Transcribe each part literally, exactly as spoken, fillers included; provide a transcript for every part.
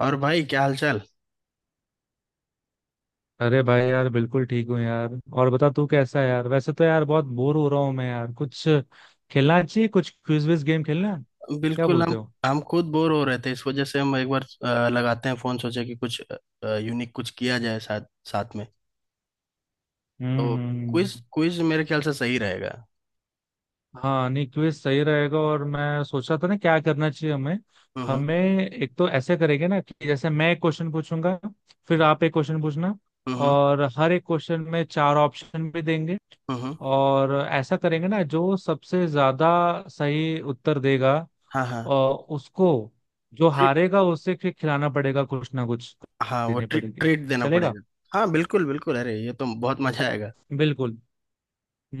और भाई क्या हालचाल। अरे भाई यार, बिल्कुल ठीक हूँ यार। और बता तू कैसा है यार। वैसे तो यार बहुत बोर हो रहा हूँ मैं यार, कुछ खेलना चाहिए, कुछ क्विज विज गेम खेलना। क्या बिल्कुल। बोलते हम हो? हम खुद बोर हो रहे थे इस वजह से हम एक बार अ, लगाते हैं फोन, सोचे कि कुछ यूनिक कुछ किया जाए साथ साथ में। तो हम्म हम्म। क्विज क्विज मेरे ख्याल से सही रहेगा। हाँ, नहीं क्विज सही रहेगा और मैं सोचा था ना क्या करना चाहिए हमें हम्म हमें एक तो ऐसे करेंगे ना कि जैसे मैं एक क्वेश्चन पूछूंगा, फिर आप एक क्वेश्चन पूछना। हम्म और हर एक क्वेश्चन में चार ऑप्शन भी देंगे। हम्म। और ऐसा करेंगे ना, जो सबसे ज्यादा सही उत्तर देगा, हाँ हाँ। और उसको, जो ट्रीट। हारेगा उसे फिर खिलाना पड़ेगा कुछ ना कुछ, हाँ, वो देने ट्रीट पड़ेगी। ट्रीट देना चलेगा? पड़ेगा। हाँ, बिल्कुल बिल्कुल, अरे ये तो बहुत मजा आएगा। बिल्कुल।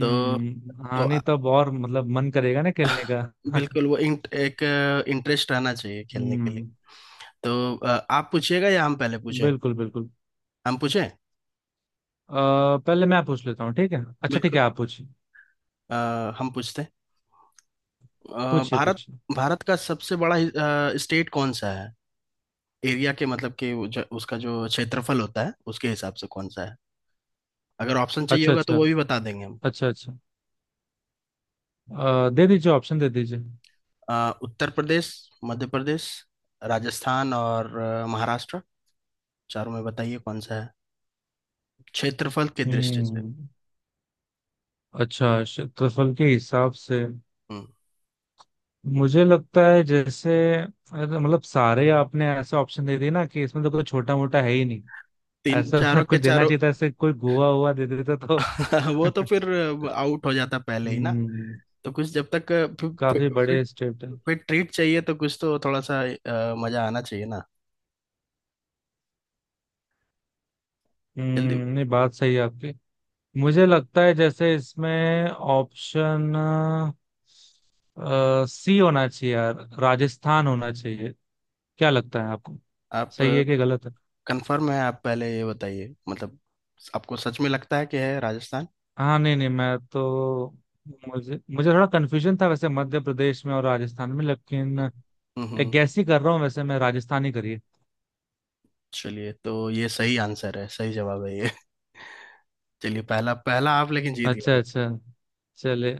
तो तो हाँ, अ, नहीं तब और मतलब मन करेगा ना खेलने का। बिल्कुल। वो इंट, एक इंटरेस्ट रहना चाहिए खेलने के लिए। हम्म, तो अ, आप पूछिएगा या हम पहले पूछें? बिल्कुल बिल्कुल। हम पूछें। अ, पहले मैं पूछ लेता हूँ, ठीक है। अच्छा ठीक बिल्कुल। है, आप पूछिए। अ, हम पूछते हैं। अ, पूछिए भारत पूछिए। भारत का सबसे बड़ा स्टेट कौन सा है? एरिया के, मतलब कि वो जो- उसका जो क्षेत्रफल होता है, उसके हिसाब से कौन सा है? अगर ऑप्शन चाहिए अच्छा होगा तो अच्छा। वो भी बता देंगे हम। अच्छा अच्छा। अ, दे दीजिए, ऑप्शन दे दीजिए। अ, उत्तर प्रदेश, मध्य प्रदेश, राजस्थान और अ, महाराष्ट्र। चारों में बताइए कौन सा है क्षेत्रफल की दृष्टि से? हम्म, अच्छा क्षेत्रफल के हिसाब से। हम्म। मुझे लगता है जैसे अगर मतलब सारे आपने ऐसे ऑप्शन दे दिए ना कि इसमें तो कोई छोटा मोटा है ही नहीं। तीन, ऐसा चारों के कुछ देना चारों। चाहिए था, ऐसे कोई गोवा हुआ दे देता तो। वो तो फिर आउट हो जाता पहले ही ना। हम्म। तो कुछ जब तक। काफी फिर बड़े स्टेट है। फिर ट्रीट चाहिए तो कुछ तो थोड़ा सा अ, मजा आना चाहिए ना। जल्दी। हम्म, नहीं बात सही है आपकी। मुझे लगता है जैसे इसमें ऑप्शन सी होना चाहिए यार, राजस्थान होना चाहिए। क्या लगता है आपको, आप सही है कि गलत है? कंफर्म है? आप पहले ये बताइए, मतलब आपको सच में लगता है कि है राजस्थान? हाँ, नहीं नहीं, मैं तो, मुझे मुझे थोड़ा कन्फ्यूजन था वैसे मध्य प्रदेश में और राजस्थान में, लेकिन एक हम्म। गैस ही कर रहा हूँ वैसे, मैं राजस्थान ही करिए। चलिए, तो ये सही आंसर है, सही जवाब है ये। चलिए, पहला पहला आप लेकिन जीत गए अच्छा लेकिन। अच्छा। चले।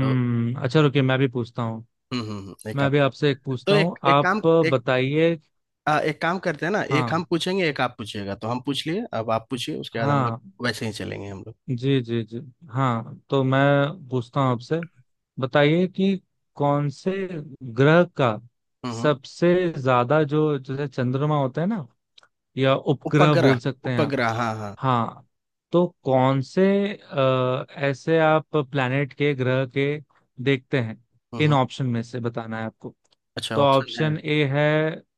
तो अच्छा रुकिए, मैं भी पूछता हूँ। हम्म हम्म हम्म, एक मैं आप। भी आपसे एक तो पूछता हूँ। एक एक काम आप एक बताइए। आ, एक काम करते हैं ना, एक हम हाँ पूछेंगे, एक आप पूछिएगा, तो हम पूछ लिए, अब आप पूछिए, उसके बाद हम लोग हाँ। वैसे ही चलेंगे हम लोग। जी जी जी। हाँ, तो मैं पूछता हूँ आपसे। बताइए कि कौन से ग्रह का हम्म हम्म। सबसे ज्यादा, जो जैसे चंद्रमा होता है ना, या उपग्रह उपग्रह। बोल सकते हैं आप। उपग्रह, हाँ हाँ। हाँ। तो कौन से, अ, ऐसे आप प्लैनेट के, ग्रह के देखते हैं। हम्म इन हम्म। ऑप्शन में से बताना है आपको। अच्छा, तो ऑप्शन है। ऑप्शन ए है,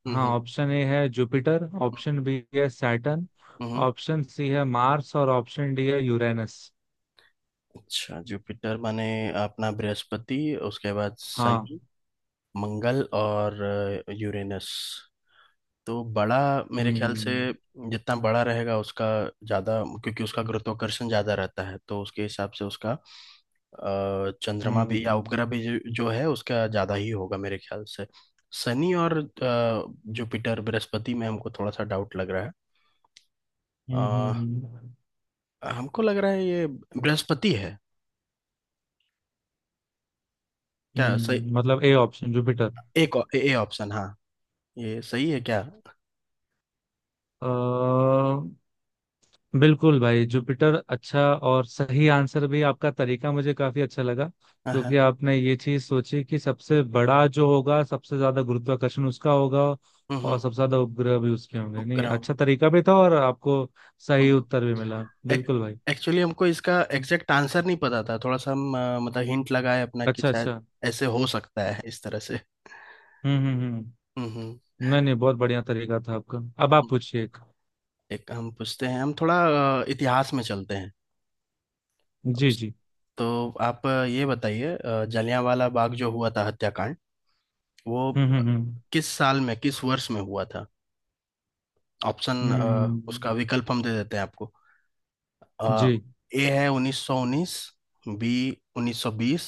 हम्म हाँ हम्म ऑप्शन ए है जुपिटर, ऑप्शन बी है सैटर्न, हम्म हम्म। ऑप्शन सी है मार्स, और ऑप्शन डी है यूरेनस। अच्छा, जुपिटर माने अपना बृहस्पति, उसके बाद हाँ। शनि, मंगल और यूरेनस। तो बड़ा, मेरे ख्याल से हम्म जितना बड़ा रहेगा उसका ज्यादा, क्योंकि उसका गुरुत्वाकर्षण ज्यादा रहता है, तो उसके हिसाब से उसका अ, चंद्रमा भी या हम्म उपग्रह भी जो, जो है उसका ज्यादा ही होगा मेरे ख्याल से। शनि और अ, जुपिटर बृहस्पति में हमको थोड़ा सा डाउट लग रहा है। हम्म हम्म। हम्म, अ, हमको लग रहा है ये बृहस्पति है, क्या सही? हम्म, मतलब ए ऑप्शन जुपिटर। एक ए ऑप्शन, हाँ, ये सही है क्या? अ बिल्कुल भाई, जुपिटर। अच्छा, और सही आंसर भी। आपका तरीका मुझे काफी अच्छा लगा, हाँ हाँ। क्योंकि आपने ये चीज सोची कि सबसे बड़ा जो होगा सबसे ज्यादा गुरुत्वाकर्षण उसका होगा, और हम्म। सबसे ज्यादा उपग्रह भी उसके होंगे। नहीं, ग्राउंड। अच्छा तरीका भी था और आपको सही उत्तर भी मिला, बिल्कुल भाई। एक्चुअली हमको इसका एग्जैक्ट आंसर नहीं पता था, थोड़ा सा हम अ, मतलब हिंट लगाए अपना कि अच्छा शायद अच्छा। ऐसे हो सकता है, इस तरह से। हम्म हम्म हम्म हम्म। हम्म हम्म। नहीं नहीं, बहुत बढ़िया तरीका था आपका। अब आप पूछिए एक। एक हम पूछते हैं, हम थोड़ा अ, इतिहास में चलते हैं। जी उस- जी। तो आप अ, ये बताइए। अ, जलियांवाला बाग जो हुआ था हत्याकांड, वो हम्म हम्म हम्म किस साल में, किस वर्ष में हुआ था? ऑप्शन, हम्म। उसका विकल्प हम दे देते हैं आपको। अ, जी। ए है उन्नीस सौ उन्नीस, बी उन्नीस सौ बीस,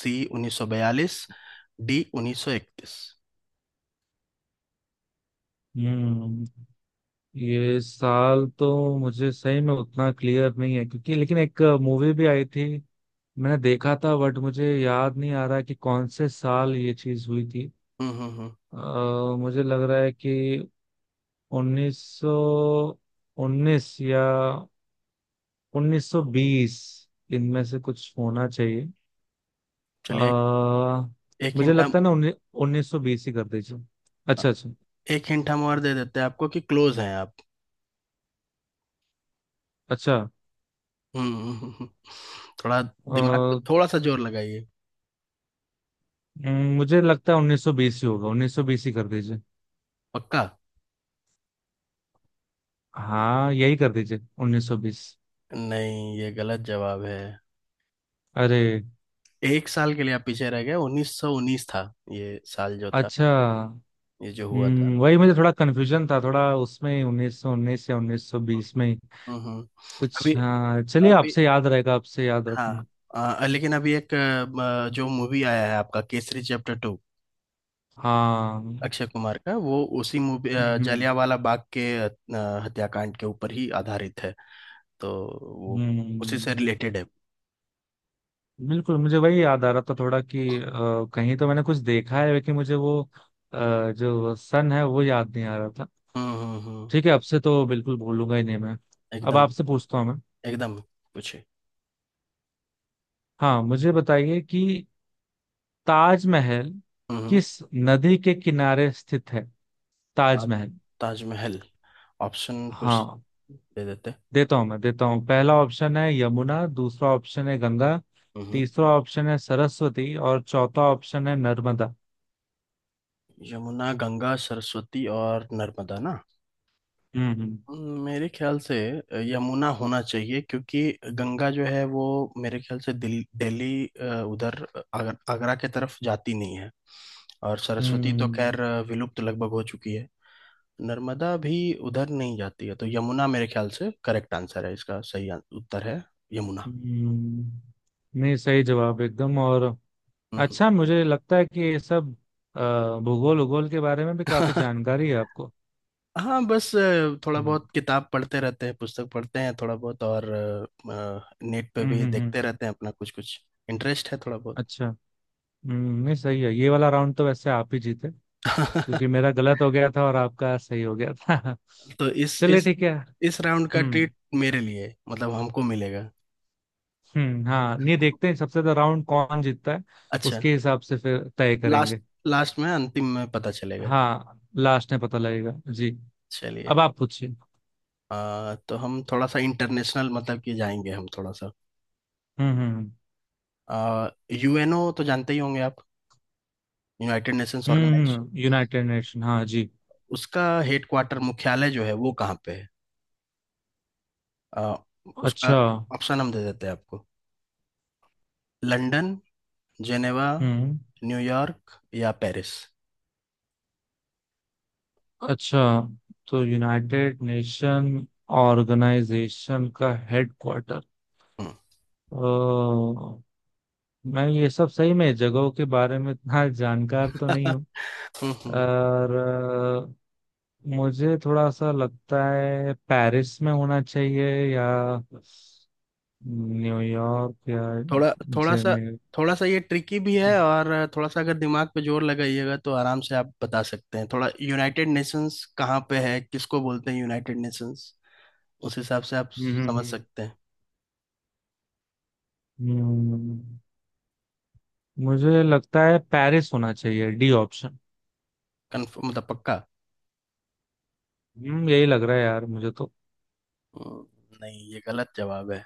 सी उन्नीस सौ बयालीस, डी उन्नीस सौ इकतीस। हम्म, ये साल तो मुझे सही में उतना क्लियर नहीं है, क्योंकि लेकिन एक मूवी भी आई थी, मैंने देखा था, बट मुझे याद नहीं आ रहा कि कौन से साल ये चीज हुई थी। हम्म हम्म हम्म। अ, मुझे लग रहा है कि उन्नीस सौ उन्नीस या उन्नीस सौ बीस, इनमें से कुछ होना चाहिए। आ, चलिए, एक एक मुझे हिंट हम लगता है ना, उन्नी- उन्नीस सौ बीस ही कर दीजिए। अच्छा अच्छा। एक हिंट हम और दे देते हैं आपको कि क्लोज हैं आप। अच्छा, हम्म हम्म, हम्म, हम्म। थोड़ा दिमाग पे अ, थोड़ा सा जोर लगाइए। मुझे लगता है उन्नीस सौ बीस ही होगा, उन्नीस सौ बीस ही कर, पक्का? हाँ यही कर दीजिए, उन्नीस सौ बीस। नहीं, ये गलत जवाब है। अरे, एक साल के लिए आप पीछे रह गए। उन्नीस सौ उन्नीस था ये साल जो था, अच्छा। ये जो हुआ था। हम्म, वही मुझे थोड़ा कन्फ्यूजन था, थोड़ा उसमें उन्नीस सौ उन्नीस या उन्नीस सौ बीस में ही हम्म हम्म। अभी, कुछ। हाँ चलिए, अभी, आपसे याद रहेगा, आपसे याद हाँ। रखूंगा। अ, लेकिन अभी एक अ, अ, जो मूवी आया है आपका, केसरी चैप्टर टू, हाँ। हम्म अक्षय कुमार का, वो उसी मूवी अ, हम्म जलियांवाला बाग के अ, हत्याकांड के ऊपर ही आधारित है। तो वो उसी से हम्म। रिलेटेड है। बिल्कुल, मुझे वही याद आ रहा था, थोड़ा कि अ, कहीं तो मैंने कुछ देखा है, लेकिन मुझे वो अ, जो सन है वो याद नहीं आ रहा था। हम्म हम्म हम्म, ठीक है, आपसे तो बिल्कुल भूलूंगा ही नहीं मैं। अब एकदम, आपसे पूछता हूँ मैं। एकदम, पूछे। हाँ, मुझे बताइए कि ताजमहल हम्म हम्म, किस नदी के किनारे स्थित है। ताज ताजमहल। ताजमहल ऑप्शन कुछ हाँ, दे देते। देता हूं मैं देता हूँ। पहला ऑप्शन है यमुना, दूसरा ऑप्शन है गंगा, हम्म। तीसरा ऑप्शन है सरस्वती, और चौथा ऑप्शन है नर्मदा। यमुना, गंगा, सरस्वती और नर्मदा ना? हम्म हम्म मेरे ख्याल से यमुना होना चाहिए क्योंकि गंगा जो है वो मेरे ख्याल से दिल दिल्ली, अ, उधर आगर, आगरा के तरफ जाती नहीं है। और सरस्वती तो हम्म। खैर अ, विलुप्त लगभग हो चुकी है। नर्मदा भी उधर नहीं जाती है। तो यमुना मेरे ख्याल से करेक्ट आंसर है, इसका सही आं- उत्तर है यमुना। हम्म। नहीं, सही जवाब, एकदम, और हम्म। अच्छा। मुझे लगता है कि ये सब अ, भूगोल उगोल के बारे में भी काफी जानकारी है आपको। हाँ, बस अ, थोड़ा हम्म बहुत किताब पढ़ते रहते हैं, पुस्तक पढ़ते हैं थोड़ा बहुत, और अ, अ, नेट पे हम्म भी हम्म। हम्म। देखते रहते हैं अपना, कुछ कुछ इंटरेस्ट है थोड़ा बहुत। अच्छा। हम्म, नहीं सही है, ये वाला राउंड तो वैसे आप ही जीते, क्योंकि मेरा गलत हो गया था और आपका सही हो गया था। तो इस चलिए इस ठीक है। इस राउंड का हम्म। ट्रीट मेरे लिए है, मतलब हमको मिलेगा। हम्म, हाँ ये देखते हैं सबसे ज्यादा राउंड कौन जीतता है, अच्छा। उसके हिसाब से फिर तय लास्ट करेंगे। लास्ट में, अंतिम में पता चलेगा। हाँ, लास्ट में पता लगेगा जी। चलिए। अब आप पूछिए। आ, तो हम थोड़ा सा इंटरनेशनल, मतलब कि जाएंगे हम थोड़ा सा। हम्म यूएनओ तो जानते ही होंगे आप, यूनाइटेड नेशंस हम्म। ऑर्गेनाइजेशन। हम्म, यूनाइटेड नेशन, हाँ जी। उसका हेडक्वार्टर, मुख्यालय जो है, वो कहाँ पे है? आ, उसका अच्छा। ऑप्शन हम दे देते हैं आपको। लंदन, जेनेवा, हम्म, न्यूयॉर्क या पेरिस। अच्छा तो यूनाइटेड नेशन ऑर्गेनाइजेशन का हेडक्वार्टर। हम्म। ओ, मैं ये सब सही में जगहों के बारे में इतना जानकार तो नहीं हूँ। और अ, मुझे थोड़ा सा लगता है पेरिस में होना चाहिए, या न्यूयॉर्क, या थोड़ा थोड़ा सा जेनेवा। थोड़ा सा ये ट्रिकी भी हम्म है, और थोड़ा सा अगर दिमाग पे जोर लगाइएगा तो आराम से आप बता सकते हैं। थोड़ा, यूनाइटेड नेशंस कहाँ पे है, किसको बोलते हैं यूनाइटेड नेशंस, उस हिसाब से आप हम्म। समझ हम्म। सकते हैं। हम्म, मुझे लगता है पेरिस होना चाहिए, डी ऑप्शन। कन्फर्म, मतलब पक्का? हम्म, यही लग रहा है यार मुझे तो। हम्म। नहीं, ये गलत जवाब है।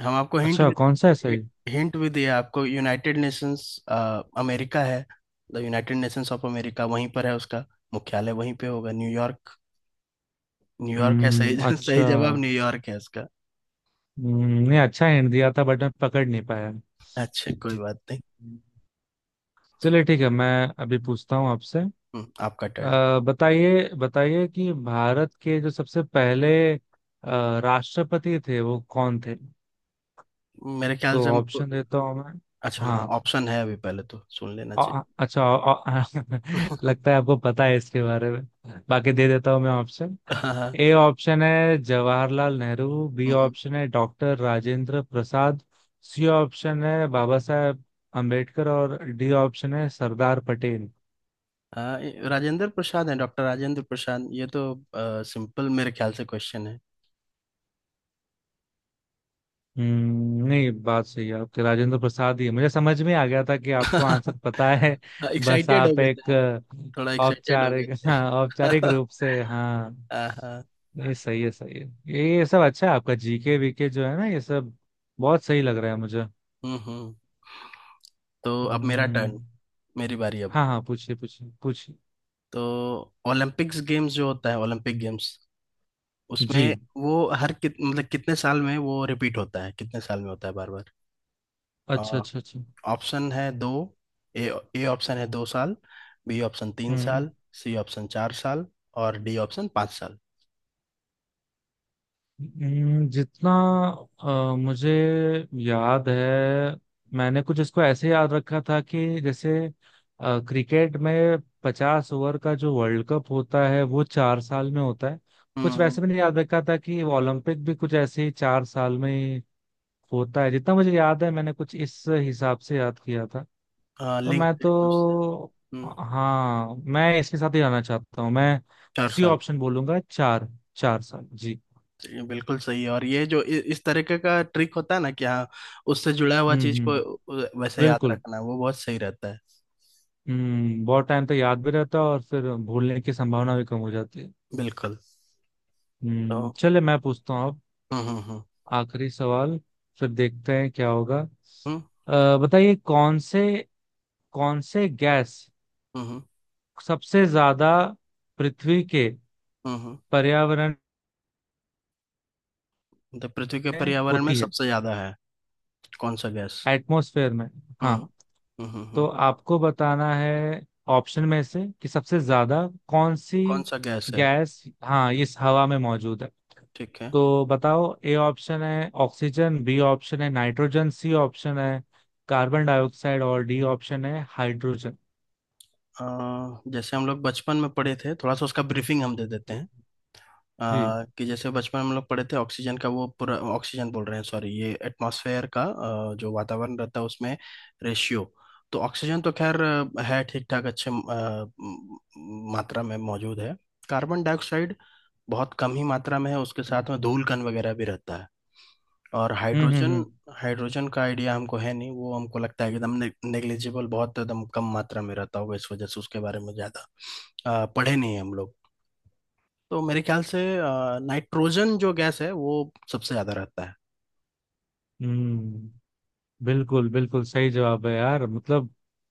हम आपको हिंट अच्छा, कौन सा है भी सही? हिंट भी दिया आपको, यूनाइटेड नेशंस अमेरिका है, the United Nations of America, वहीं पर है उसका मुख्यालय, वहीं पे होगा, न्यूयॉर्क। न्यूयॉर्क है सही, हम्म, अच्छा। सही जवाब न्यूयॉर्क है इसका। हम्म, नहीं अच्छा हिंट दिया था, बट मैं पकड़ नहीं पाया। अच्छा, कोई बात नहीं। हम्म। चलिए ठीक है, मैं अभी पूछता हूँ आपसे। हम्म। आपका टर्न। अ, बताइए, बताइए कि भारत के जो सबसे पहले अ, राष्ट्रपति थे वो कौन थे। मेरे ख्याल तो से हमको। ऑप्शन देता हूँ मैं। अच्छा, हाँ, हाँ। ऑप्शन है, अभी पहले तो सुन लेना चाहिए। अ- अच्छा अ- लगता है आपको पता है इसके बारे में। बाकी दे देता हूँ मैं ऑप्शन। हाँ हाँ। ए ऑप्शन है जवाहरलाल नेहरू, बी हम्म, ऑप्शन है doctor Rajendra Prasad, C option है बाबा साहेब अम्बेडकर, और डी ऑप्शन है सरदार पटेल। हाँ, ये राजेंद्र प्रसाद है, डॉक्टर राजेंद्र प्रसाद, ये तो सिंपल मेरे ख्याल से क्वेश्चन है। हम्म, नहीं बात सही है आपके, राजेंद्र प्रसाद ही है। मुझे समझ में आ गया था कि आपको आंसर पता है। बस एक्साइटेड हो आप गए थे, एक हाँ, अ, थोड़ा एक्साइटेड हो गए औपचारिक, हाँ औपचारिक थे। रूप से, हाँ। हाँ हाँ। ये सही है, सही है। ये ये सब अच्छा है आपका, जीके वीके जो है ना, ये सब बहुत सही लग रहा है मुझे। हम्म हम्म। तो अब मेरा हम्म। टर्न, मेरी बारी अब। हाँ हाँ, पूछिए पूछिए पूछिए। तो ओलंपिक्स गेम्स जो होता है, ओलंपिक गेम्स, उसमें जी। वो हर कित मतलब कितने साल में वो रिपीट होता है, कितने साल में होता है बार? अच्छा अच्छा अच्छा। ऑप्शन है दो। ए ए ऑप्शन है दो साल, बी ऑप्शन तीन हम्म, साल, सी ऑप्शन चार साल और डी ऑप्शन पाँच साल। हम्म, जितना अ, मुझे याद है, मैंने कुछ इसको ऐसे याद रखा था कि जैसे अ, क्रिकेट में पचास ओवर का जो वर्ल्ड कप होता है वो चार साल में होता है। कुछ हम्म, वैसे मैंने याद रखा था कि वो ओलंपिक भी कुछ ऐसे ही चार साल में ही होता है, जितना मुझे याद है मैंने कुछ इस हिसाब से याद किया था। हाँ, तो लिंक मैं करके उससे। तो हम्म। हाँ, मैं इसके साथ ही जाना चाहता हूँ मैं। चार सी साल। ऑप्शन बोलूंगा, चार, चार साल जी। ये बिल्कुल सही है, और ये जो इ, इस तरीके का ट्रिक होता है ना, कि हाँ, उससे जुड़ा हुआ हम्म चीज को हम्म, उ- वैसे याद बिल्कुल। रखना, वो बहुत सही रहता है। हम्म, बहुत टाइम तक याद भी रहता है और फिर भूलने की संभावना भी कम हो जाती है। बिल्कुल। हम्म तो चले, मैं पूछता हूँ अब हम्म हम्म हम्म आखिरी सवाल, फिर देखते हैं क्या होगा। हम्म अ, बताइए कौन से कौन से गैस हम्म हम्म सबसे ज्यादा पृथ्वी के हम्म। हम्म। पर्यावरण तो पृथ्वी के में पर्यावरण में होती है, सबसे ज्यादा है कौन सा गैस? एटमॉस्फेयर में। हम्म हाँ, हम्म हम्म हम्म। तो आपको बताना है ऑप्शन में से कि सबसे ज्यादा कौन सी कौन सा गैस है? गैस हाँ इस हवा में मौजूद है। ठीक है। तो बताओ, ए ऑप्शन है ऑक्सीजन, बी ऑप्शन है नाइट्रोजन, सी ऑप्शन है कार्बन डाइऑक्साइड, और डी ऑप्शन है हाइड्रोजन। अ, जैसे हम लोग बचपन में पढ़े थे, थोड़ा सा उसका ब्रीफिंग हम दे देते हैं। जी। अ, कि जैसे बचपन में हम लोग पढ़े थे ऑक्सीजन का, वो पूरा ऑक्सीजन बोल रहे हैं, सॉरी, ये एटमॉस्फेयर का, अ, जो वातावरण रहता है उसमें, रेशियो। तो ऑक्सीजन तो खैर अ, है ठीक ठाक, अच्छे अ, म- मात्रा में मौजूद है। कार्बन डाइऑक्साइड बहुत कम ही मात्रा में है, उसके हम्म साथ में धूल कण वगैरह भी रहता है। और हम्म हाइड्रोजन, हम्म हाइड्रोजन का आइडिया हमको है नहीं, वो हमको लगता है कि एकदम नेग्लिजिबल, बहुत एकदम कम मात्रा में रहता होगा, इस वजह से उसके बारे में ज़्यादा अ, पढ़े नहीं है हम लोग। तो मेरे ख्याल से आ, नाइट्रोजन जो गैस है वो सबसे ज़्यादा रहता है। हम्म। बिल्कुल बिल्कुल सही जवाब है यार, मतलब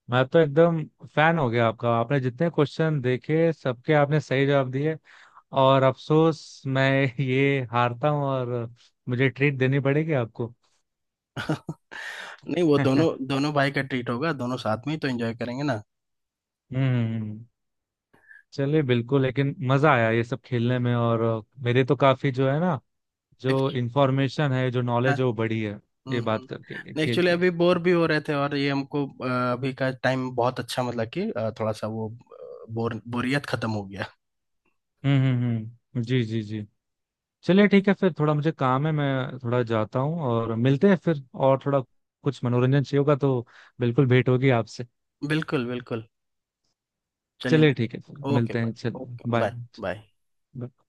मैं तो एकदम फैन हो गया आपका। आपने जितने क्वेश्चन देखे सबके आपने सही जवाब दिए, और अफसोस मैं ये हारता हूँ और मुझे ट्रीट देनी पड़ेगी आपको। नहीं, वो हम्म। दोनों दोनों भाई का ट्रीट होगा, दोनों साथ में ही तो एंजॉय करेंगे ना। हम्म। चलिए बिल्कुल, लेकिन मजा आया ये सब खेलने में, और अ, मेरे तो काफी, जो है ना, जो एक्चुअली। इंफॉर्मेशन है, जो हाँ, नॉलेज है वो बढ़ी है हम्म, ये बात करके, ये हम्म। खेल एक्चुअली के। अभी बोर भी हो रहे थे, और ये हमको अ, अभी का टाइम बहुत अच्छा, मतलब कि अ, थोड़ा सा वो आ, बोर बोरियत खत्म हो गया। हम्म हम्म हम्म। जी जी जी। चलिए ठीक है, फिर थोड़ा मुझे काम है, मैं थोड़ा जाता हूँ और मिलते हैं फिर। और थोड़ा कुछ मनोरंजन चाहिए होगा तो बिल्कुल भेंट होगी आपसे। बिल्कुल, बिल्कुल। चलिए। चलिए ठीक है, फिर ओके मिलते हैं, बाय, ओके बाय, चलिए। बाय। बाय।